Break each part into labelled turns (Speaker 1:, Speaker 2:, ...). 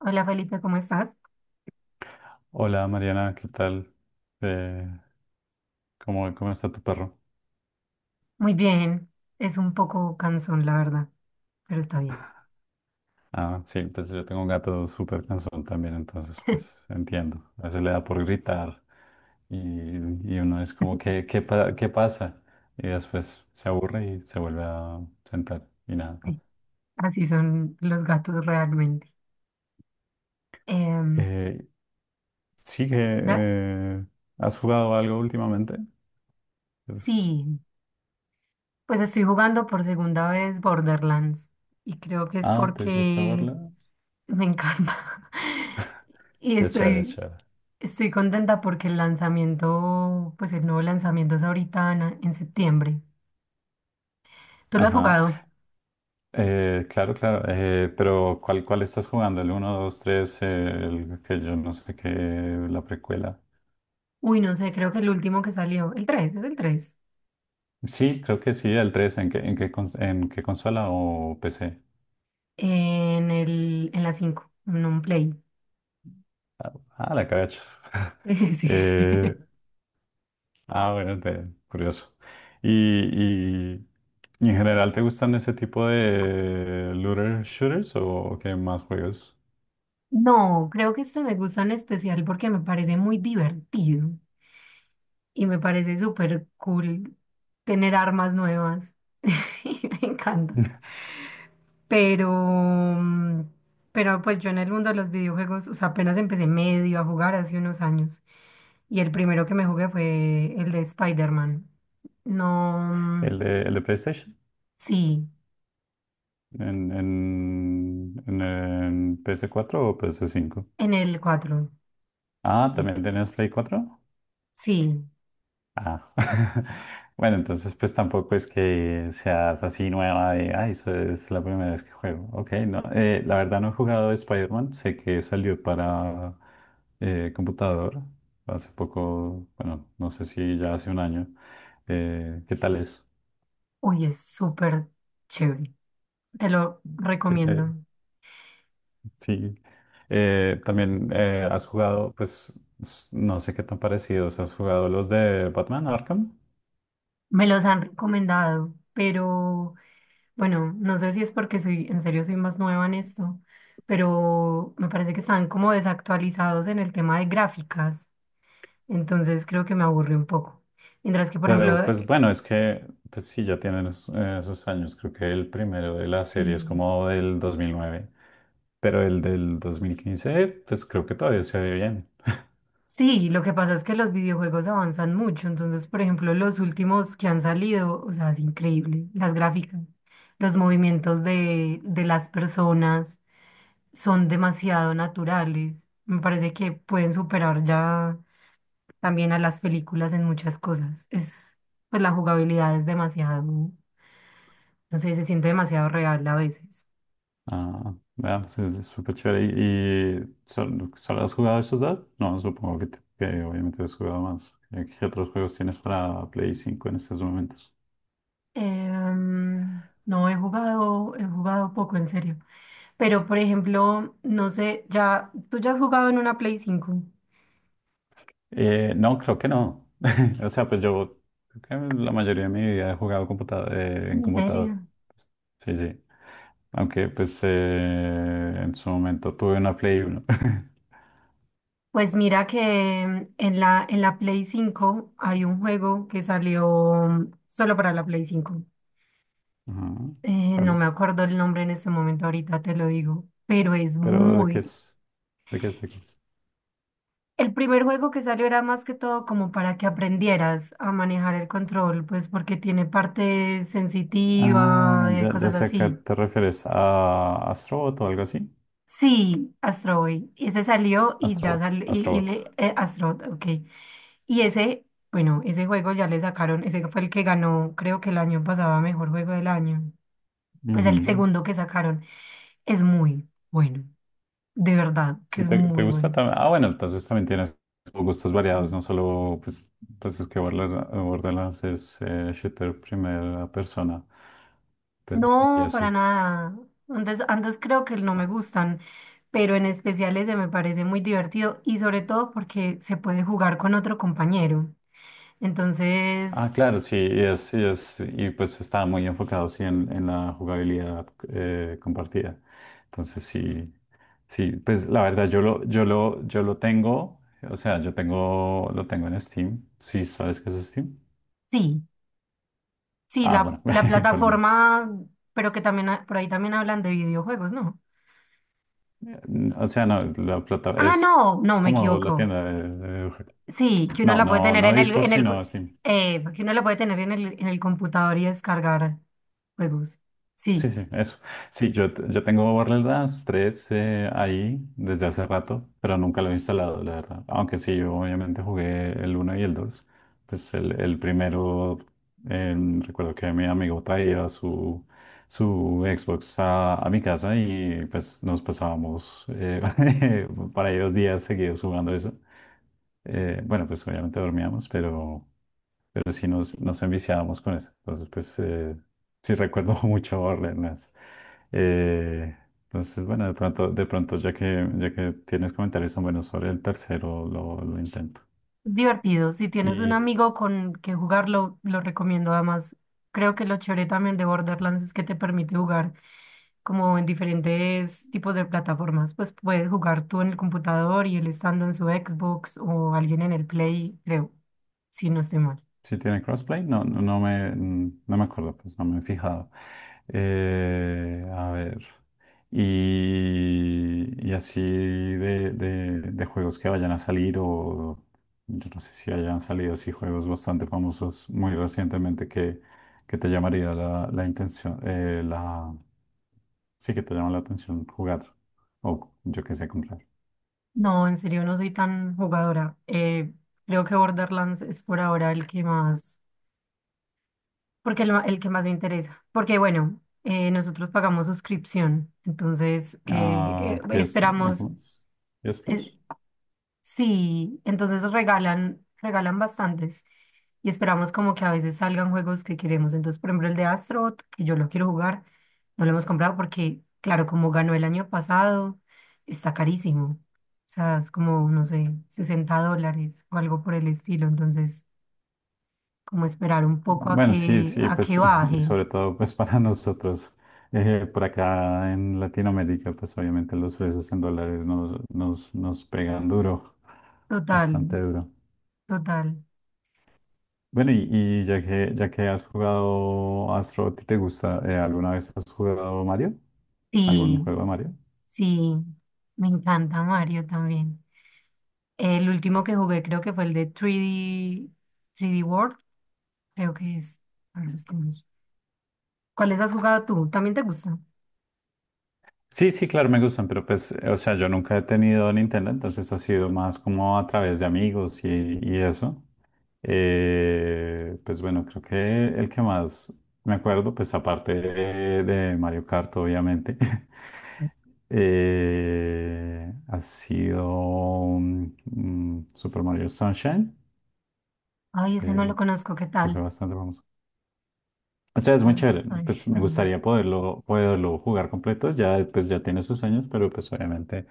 Speaker 1: Hola Felipe, ¿cómo estás?
Speaker 2: Hola Mariana, ¿qué tal? Eh, ¿cómo está tu perro?
Speaker 1: Muy bien, es un poco cansón, la verdad, pero está bien.
Speaker 2: Ah, sí, pues yo tengo un gato súper cansón también, entonces pues entiendo. A veces le da por gritar y, y uno es como, ¿qué pasa? Y después se aburre y se vuelve a sentar y nada.
Speaker 1: Sí. Así son los gatos realmente. Em,
Speaker 2: Eh, ¿Sí que
Speaker 1: da-
Speaker 2: has jugado algo últimamente? Pues...
Speaker 1: sí, pues estoy jugando por segunda vez Borderlands y creo que es
Speaker 2: Ah, ¿te gusta
Speaker 1: porque
Speaker 2: verlo?
Speaker 1: me encanta. Y
Speaker 2: Es chévere, es
Speaker 1: estoy,
Speaker 2: chévere.
Speaker 1: estoy contenta porque el lanzamiento, pues el nuevo lanzamiento es ahorita en septiembre. ¿Tú lo has
Speaker 2: Ajá.
Speaker 1: jugado?
Speaker 2: Claro, claro, pero ¿cuál estás jugando? ¿El uno, 2, 3, el que yo no sé qué, la precuela?
Speaker 1: Uy, no sé, creo que el último que salió, el 3. ¿Es el 3?
Speaker 2: Sí, creo que sí, el 3. ¿En qué consola o PC?
Speaker 1: En la 5 en un play.
Speaker 2: Ah, ah, la caracha.
Speaker 1: Sí.
Speaker 2: Eh, bueno, curioso. Y, y, y en general te gustan ese tipo de looter shooters o qué más juegos?
Speaker 1: No, creo que este me gusta en especial porque me parece muy divertido y me parece súper cool tener armas nuevas. Me encanta. Pero, mm, pero pues yo en el mundo de los videojuegos, o sea, apenas empecé medio a jugar hace unos años y el primero que me jugué fue el de Spider-Man. No,
Speaker 2: ¿El de PlayStation?
Speaker 1: sí,
Speaker 2: ¿En, en, en, en en PS4 o PS5?
Speaker 1: en el 4
Speaker 2: Ah,
Speaker 1: sí,
Speaker 2: ¿también tenías Play 4?
Speaker 1: sí.
Speaker 2: Ah. Bueno, entonces pues tampoco es que seas así nueva de, eso es la primera vez que juego. Ok, no. La verdad no he jugado Spider-Man, sé que salió para computador hace poco, bueno, no sé si ya hace un año. ¿Qué tal es?
Speaker 1: Uy, es súper chévere. Te lo
Speaker 2: Sí.
Speaker 1: recomiendo.
Speaker 2: Sí. También has jugado, pues no sé qué tan parecidos, ¿has jugado los de Batman Arkham?
Speaker 1: Me los han recomendado, pero bueno, no sé si es porque soy, en serio soy más nueva en esto, pero me parece que están como desactualizados en el tema de gráficas. Entonces creo que me aburre un poco. Mientras que, por
Speaker 2: Claro,
Speaker 1: ejemplo,
Speaker 2: pues bueno, es que pues sí, ya tienen esos años. Creo que el primero de la serie es
Speaker 1: sí,
Speaker 2: como del 2009, pero el del 2015 pues creo que todavía se ve bien.
Speaker 1: sí, lo que pasa es que los videojuegos avanzan mucho. Entonces, por ejemplo, los últimos que han salido, o sea, es increíble, las gráficas, los movimientos de las personas. Son demasiado naturales. Me parece que pueden superar ya también a las películas en muchas cosas. Es, pues la jugabilidad es demasiado, no sé, se siente demasiado real a veces.
Speaker 2: Ah, vea, pues es súper chévere. ¿Y solo has jugado esos dos? No, supongo que obviamente has jugado más. ¿Qué otros juegos tienes para Play 5 en estos momentos?
Speaker 1: No he jugado, he jugado poco en serio. Pero por ejemplo, no sé, ya, tú ya has jugado en una Play 5.
Speaker 2: No, creo que no. O sea, pues yo creo que la mayoría de mi vida he jugado en
Speaker 1: ¿En
Speaker 2: computador.
Speaker 1: serio?
Speaker 2: Sí, sí. Aunque pues en su momento tuve una Play 1.
Speaker 1: Pues mira que en la Play 5 hay un juego que salió solo para la Play 5.
Speaker 2: Ajá,
Speaker 1: No
Speaker 2: ¿cuál?
Speaker 1: me acuerdo el nombre en ese momento, ahorita te lo digo, pero es
Speaker 2: Pero ¿de qué
Speaker 1: muy...
Speaker 2: es? ¿De qué es? ¿De qué es?
Speaker 1: El primer juego que salió era más que todo como para que aprendieras a manejar el control, pues porque tiene parte sensitiva,
Speaker 2: Ah, ya, ya
Speaker 1: cosas
Speaker 2: sé a qué
Speaker 1: así.
Speaker 2: te refieres. ¿A Astrobot o algo así?
Speaker 1: Sí, Astro Boy, ese salió y ya
Speaker 2: Astrobot.
Speaker 1: salió, y
Speaker 2: Astrobot.
Speaker 1: le, Astro, ok. Y ese, bueno, ese juego ya le sacaron, ese fue el que ganó, creo que el año pasado, a mejor juego del año. Pues el
Speaker 2: Ujú.
Speaker 1: segundo que sacaron es muy bueno, de verdad, que
Speaker 2: Si
Speaker 1: es
Speaker 2: te
Speaker 1: muy
Speaker 2: gusta
Speaker 1: bueno.
Speaker 2: también. Ah, bueno, entonces también tienes gustos variados, no solo, pues, entonces que Borderlands es shooter primera persona. Te- Y
Speaker 1: No,
Speaker 2: eso...
Speaker 1: para nada. Antes creo que no me gustan, pero en especial ese me parece muy divertido y sobre todo porque se puede jugar con otro compañero.
Speaker 2: Ah,
Speaker 1: Entonces,
Speaker 2: claro, sí, y pues está muy enfocado sí, en la jugabilidad compartida. Entonces, sí, sí, pues la verdad, yo lo tengo, o sea, yo tengo, lo tengo en Steam. Sí, ¿sabes qué es Steam?
Speaker 1: sí, sí,
Speaker 2: Ah,
Speaker 1: la,
Speaker 2: bueno,
Speaker 1: la
Speaker 2: por lo menos.
Speaker 1: plataforma, pero que también por ahí también hablan de videojuegos, ¿no?
Speaker 2: O sea, no, es la plata,
Speaker 1: Ah,
Speaker 2: es
Speaker 1: no, no, me
Speaker 2: como la
Speaker 1: equivoco.
Speaker 2: tienda de-
Speaker 1: Sí, que uno
Speaker 2: No,
Speaker 1: la puede
Speaker 2: no,
Speaker 1: tener
Speaker 2: no
Speaker 1: en el,
Speaker 2: Discord, sino Steam.
Speaker 1: que uno la puede tener en el computador y descargar juegos. Sí.
Speaker 2: Sí, sí, eso. Sí, yo tengo Borderlands las 3 ahí desde hace rato, pero nunca lo he instalado, la verdad. Aunque sí, yo obviamente jugué el uno y el 2. Pues el primero, eh, recuerdo que mi amigo traía su Xbox a mi casa y pues nos pasábamos para ahí 2 días seguidos jugando eso. Bueno, pues obviamente dormíamos, pero sí nos enviciábamos con eso. Entonces, pues sí recuerdo mucho Borderlands. Eh, entonces, bueno, ya que tienes comentarios tan buenos sobre el tercero, lo intento.
Speaker 1: Es divertido. Si tienes un
Speaker 2: Y
Speaker 1: amigo con que jugarlo, lo recomiendo. Además, creo que lo chévere también de Borderlands es que te permite jugar como en diferentes tipos de plataformas. Pues puedes jugar tú en el computador y él estando en su Xbox o alguien en el Play, creo, si no estoy mal.
Speaker 2: si tiene crossplay, no, no, no me acuerdo, pues no me he fijado. A ver. Y así de juegos que vayan a salir o yo no sé si hayan salido así juegos bastante famosos muy recientemente que te llamaría la intención, sí que te llama la atención jugar o yo qué sé, comprar.
Speaker 1: No, en serio, no soy tan jugadora. Creo que Borderlands es por ahora el que más, porque el que más me interesa. Porque bueno, nosotros pagamos suscripción, entonces
Speaker 2: Ah, PS,
Speaker 1: esperamos.
Speaker 2: ¿cómo es? PS
Speaker 1: Eh,
Speaker 2: Plus.
Speaker 1: sí, entonces regalan bastantes y esperamos como que a veces salgan juegos que queremos. Entonces, por ejemplo, el de Astrobot, que yo lo quiero jugar, no lo hemos comprado porque, claro, como ganó el año pasado, está carísimo. O sea, es como, no sé, $60 o algo por el estilo. Entonces, como esperar un poco
Speaker 2: Bueno, sí, sí,
Speaker 1: a que
Speaker 2: pues y
Speaker 1: baje.
Speaker 2: sobre todo pues para nosotros por acá en Latinoamérica, pues obviamente los precios en dólares nos pegan duro,
Speaker 1: Total,
Speaker 2: bastante duro.
Speaker 1: total.
Speaker 2: Bueno, y ya que has jugado Astro, ¿a ti te gusta? ¿Alguna vez has jugado Mario? ¿Algún
Speaker 1: Sí,
Speaker 2: juego de Mario?
Speaker 1: sí, me encanta Mario también. El último que jugué creo que fue el de 3D, 3D World, creo que es. A ver, busquemos. ¿Cuáles has jugado tú? ¿También te gusta?
Speaker 2: Sí, sí, claro, me gustan, pero pues, o sea, yo nunca he tenido Nintendo, entonces ha sido más como a través de amigos y eso. Pues bueno, creo que el que más me acuerdo, pues aparte de Mario Kart, obviamente, ha sido Super Mario Sunshine,
Speaker 1: Ay, ese no lo
Speaker 2: que,
Speaker 1: conozco, ¿qué
Speaker 2: que
Speaker 1: tal?
Speaker 2: fue bastante famoso. O sea, es muy chévere. Pues me
Speaker 1: Sunshine.
Speaker 2: gustaría poderlo jugar completo. Ya, pues ya tiene sus años, pero pues obviamente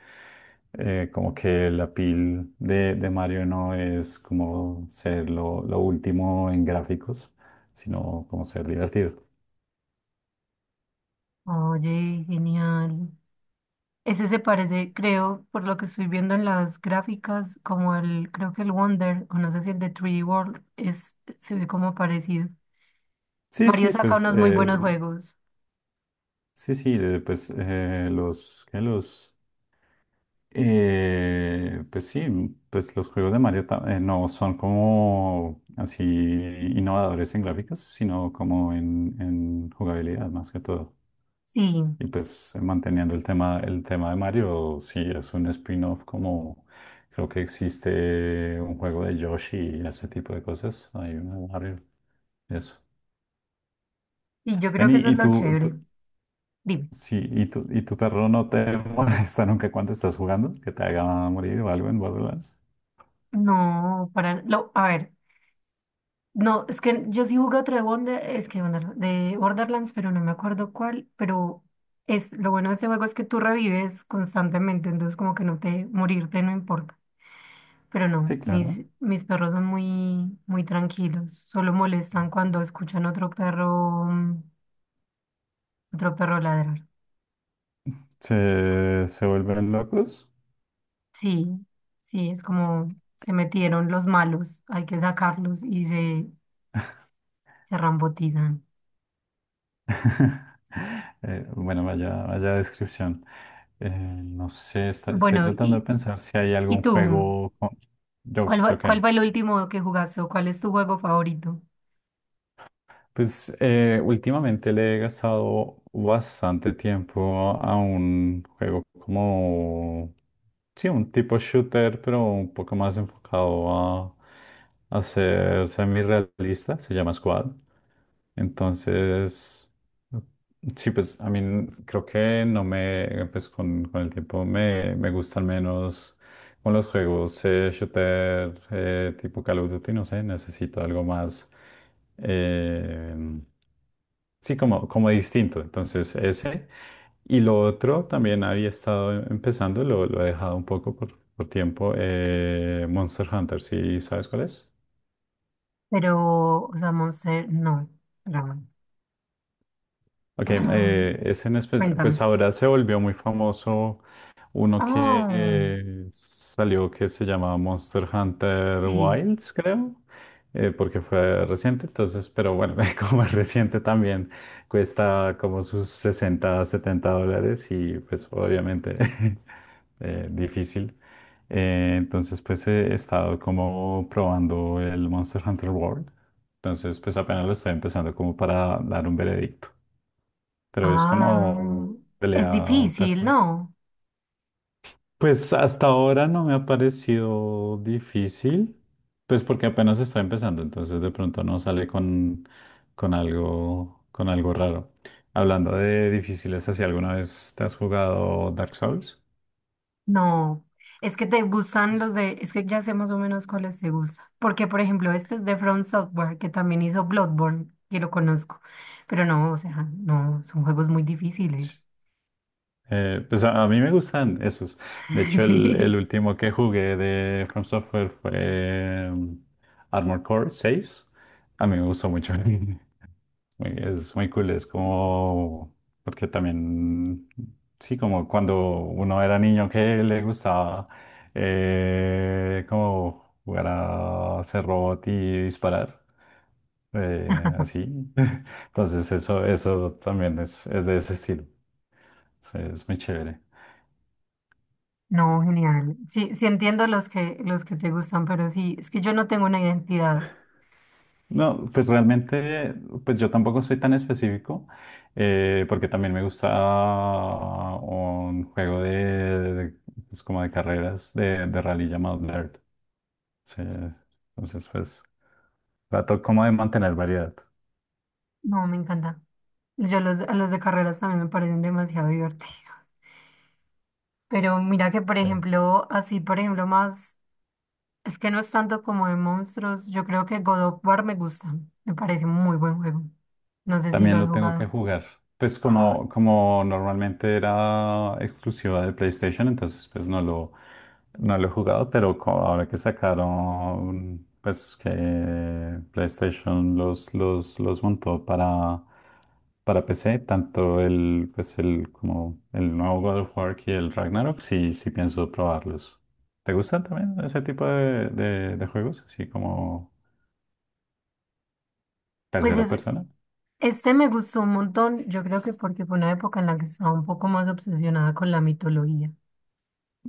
Speaker 2: como que la pil de Mario no es como ser lo último en gráficos, sino como ser divertido.
Speaker 1: Oye, genial. Ese se parece, creo, por lo que estoy viendo en las gráficas, como el, creo que el Wonder, o no sé si el de 3D World, es, se ve como parecido.
Speaker 2: Sí,
Speaker 1: Mario
Speaker 2: sí,
Speaker 1: saca
Speaker 2: pues
Speaker 1: unos muy buenos juegos.
Speaker 2: sí, sí, los, ¿qué? Los... pues sí, pues los juegos de Mario no son como así innovadores en gráficos, sino como en jugabilidad más que todo.
Speaker 1: Sí,
Speaker 2: Y pues manteniendo el tema de Mario, sí es un spin-off, como creo que existe un juego de Yoshi y ese tipo de cosas. Hay uno de Mario, eso.
Speaker 1: y yo
Speaker 2: Ven,
Speaker 1: creo que eso
Speaker 2: y,
Speaker 1: es
Speaker 2: y
Speaker 1: lo chévere. Dime.
Speaker 2: sí, y tu perro no te molesta nunca cuando estás jugando, que te haga morir o algo en Borderlands.
Speaker 1: No, para, lo, a ver. No, es que yo sí jugué otro de Wonder, es que de Borderlands, pero no me acuerdo cuál, pero es lo bueno de ese juego es que tú revives constantemente, entonces como que no te morirte no importa. Pero
Speaker 2: Sí,
Speaker 1: no,
Speaker 2: claro.
Speaker 1: mis perros son muy muy tranquilos, solo molestan cuando escuchan otro perro otro perro ladrar.
Speaker 2: Se vuelven locos.
Speaker 1: Sí, sí, es como se metieron los malos, hay que sacarlos y se rambotizan.
Speaker 2: Bueno, vaya, vaya descripción. No sé, estoy
Speaker 1: Bueno,
Speaker 2: tratando de
Speaker 1: y
Speaker 2: pensar si hay
Speaker 1: y
Speaker 2: algún
Speaker 1: tú,
Speaker 2: juego.
Speaker 1: ¿Cuál
Speaker 2: Yo
Speaker 1: fue, cuál
Speaker 2: qué.
Speaker 1: fue el último que jugaste o cuál es tu juego favorito?
Speaker 2: Pues últimamente le he gastado bastante tiempo a un juego como... Sí, un tipo shooter, pero un poco más enfocado a, a ser semi-realista. Se llama Squad. Entonces, sí, pues a mí creo que no me, pues con el tiempo me gustan menos con los juegos shooter tipo Call of Duty, no sé, necesito algo más, eh, sí, como distinto. Entonces, ese. Y lo otro también había estado empezando, lo he dejado un poco por tiempo, Monster Hunter, ¿sí sabes cuál es?
Speaker 1: Pero, o sea, Monster, no, Ramón.
Speaker 2: Ok,
Speaker 1: Ah,
Speaker 2: ese
Speaker 1: cuéntame.
Speaker 2: pues ahora se volvió muy famoso uno que
Speaker 1: Oh,
Speaker 2: salió, que se llamaba Monster Hunter
Speaker 1: sí.
Speaker 2: Wilds, creo, porque fue reciente, entonces, pero bueno, como es reciente también cuesta como sus 60, 70 dólares y pues obviamente difícil. Entonces, pues he estado como probando el Monster Hunter World, entonces pues apenas lo estoy empezando como para dar un veredicto. Pero es
Speaker 1: Ah,
Speaker 2: como
Speaker 1: es
Speaker 2: pelea
Speaker 1: difícil,
Speaker 2: tercera.
Speaker 1: ¿no?
Speaker 2: Pues hasta ahora no me ha parecido difícil, pues porque apenas está empezando, entonces de pronto no sale con algo raro. Hablando de difíciles, ¿así alguna vez te has jugado Dark Souls?
Speaker 1: No. Es que te gustan los de, es que ya sé más o menos cuáles te gustan. Porque, por ejemplo, este es de From Software, que también hizo Bloodborne, que lo conozco. Pero no, o sea, no, son juegos muy difíciles.
Speaker 2: Pues a mí me gustan esos. De hecho, el
Speaker 1: Sí.
Speaker 2: último que jugué de From Software fue Armored Core 6. A mí me gustó mucho. Es muy cool, es como, porque también, sí, como cuando uno era niño que le gustaba como jugar a ser robot y disparar, así. Entonces eso también es de ese estilo, sí, es muy chévere.
Speaker 1: No, genial. Sí, sí entiendo los que te gustan, pero sí, es que yo no tengo una identidad.
Speaker 2: No, pues realmente, pues yo tampoco soy tan específico, porque también me gusta un juego pues como de carreras de rally llamado Dirt. Sí, entonces, pues trato como de mantener variedad.
Speaker 1: No, me encanta. A los de carreras también me parecen demasiado divertidos. Pero mira que, por
Speaker 2: eh,
Speaker 1: ejemplo, así, por ejemplo, más, es que no es tanto como de monstruos. Yo creo que God of War me gusta. Me parece un muy buen juego. No sé si lo
Speaker 2: También
Speaker 1: has
Speaker 2: lo tengo que
Speaker 1: jugado.
Speaker 2: jugar. Pues como normalmente era exclusiva de PlayStation, entonces pues no lo he jugado, pero ahora que sacaron, pues que PlayStation los montó para PC, tanto como el nuevo God of War y el Ragnarok, sí, sí pienso probarlos. ¿Te gustan también ese tipo de juegos? Así como
Speaker 1: Pues
Speaker 2: tercera
Speaker 1: es,
Speaker 2: persona.
Speaker 1: este me gustó un montón. Yo creo que porque fue una época en la que estaba un poco más obsesionada con la mitología.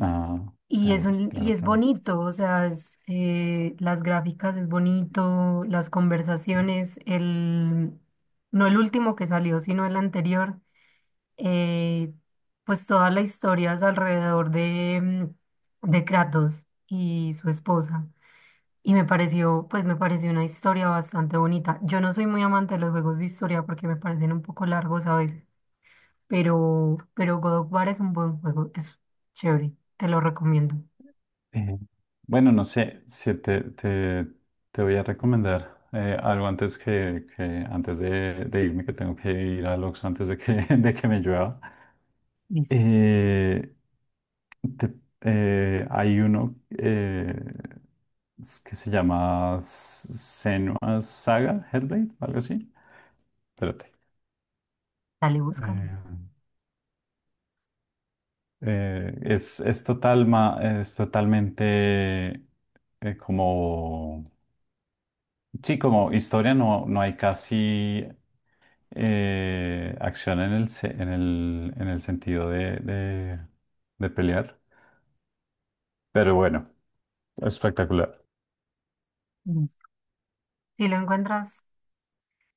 Speaker 2: Ah,
Speaker 1: Y es
Speaker 2: claro,
Speaker 1: un, y
Speaker 2: claro,
Speaker 1: es
Speaker 2: claro.
Speaker 1: bonito, o sea, es, las gráficas es bonito, las conversaciones, el, no el último que salió, sino el anterior, eh, pues toda la historia es alrededor de Kratos y su esposa. Y me pareció, pues me pareció una historia bastante bonita. Yo no soy muy amante de los juegos de historia porque me parecen un poco largos a veces, pero God of War es un buen juego, es chévere, te lo recomiendo.
Speaker 2: Eh, bueno, no sé si te voy a recomendar algo antes que antes de irme, que tengo que ir al Oxxo antes de que, de que me llueva.
Speaker 1: Listo.
Speaker 2: Eh, te- Hay uno que se llama Senua Saga Hellblade, o algo así. Espérate.
Speaker 1: Dale, búscalo.
Speaker 2: Eh, Total, es totalmente como... Sí, como historia no hay casi acción en el, se- en el sentido de pelear. Pero bueno, espectacular.
Speaker 1: Listo. Si lo encuentras,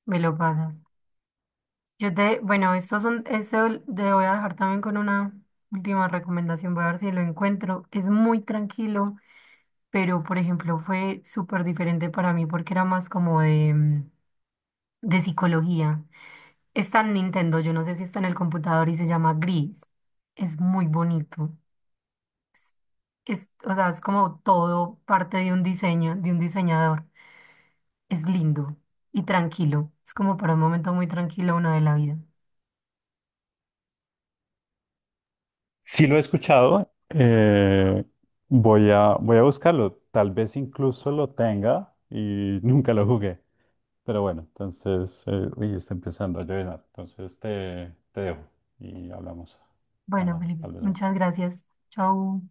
Speaker 1: me lo pasas. Yo te, bueno, estos son, este te voy a dejar también con una última recomendación. Voy a ver si lo encuentro. Es muy tranquilo, pero por ejemplo, fue súper diferente para mí porque era más como de psicología. Está en Nintendo, yo no sé si está en el computador y se llama Gris. Es muy bonito. Es, o sea, es como todo parte de un diseño, de un diseñador. Es lindo y tranquilo. Es como para un momento muy tranquilo uno de la vida.
Speaker 2: Sí lo he escuchado. Voy a buscarlo. Tal vez incluso lo tenga y nunca lo jugué. Pero bueno, entonces, uy, está empezando a llover. Entonces te dejo y hablamos.
Speaker 1: Bueno,
Speaker 2: Ah,
Speaker 1: Felipe,
Speaker 2: tal vez más
Speaker 1: muchas
Speaker 2: tarde.
Speaker 1: gracias. Chau.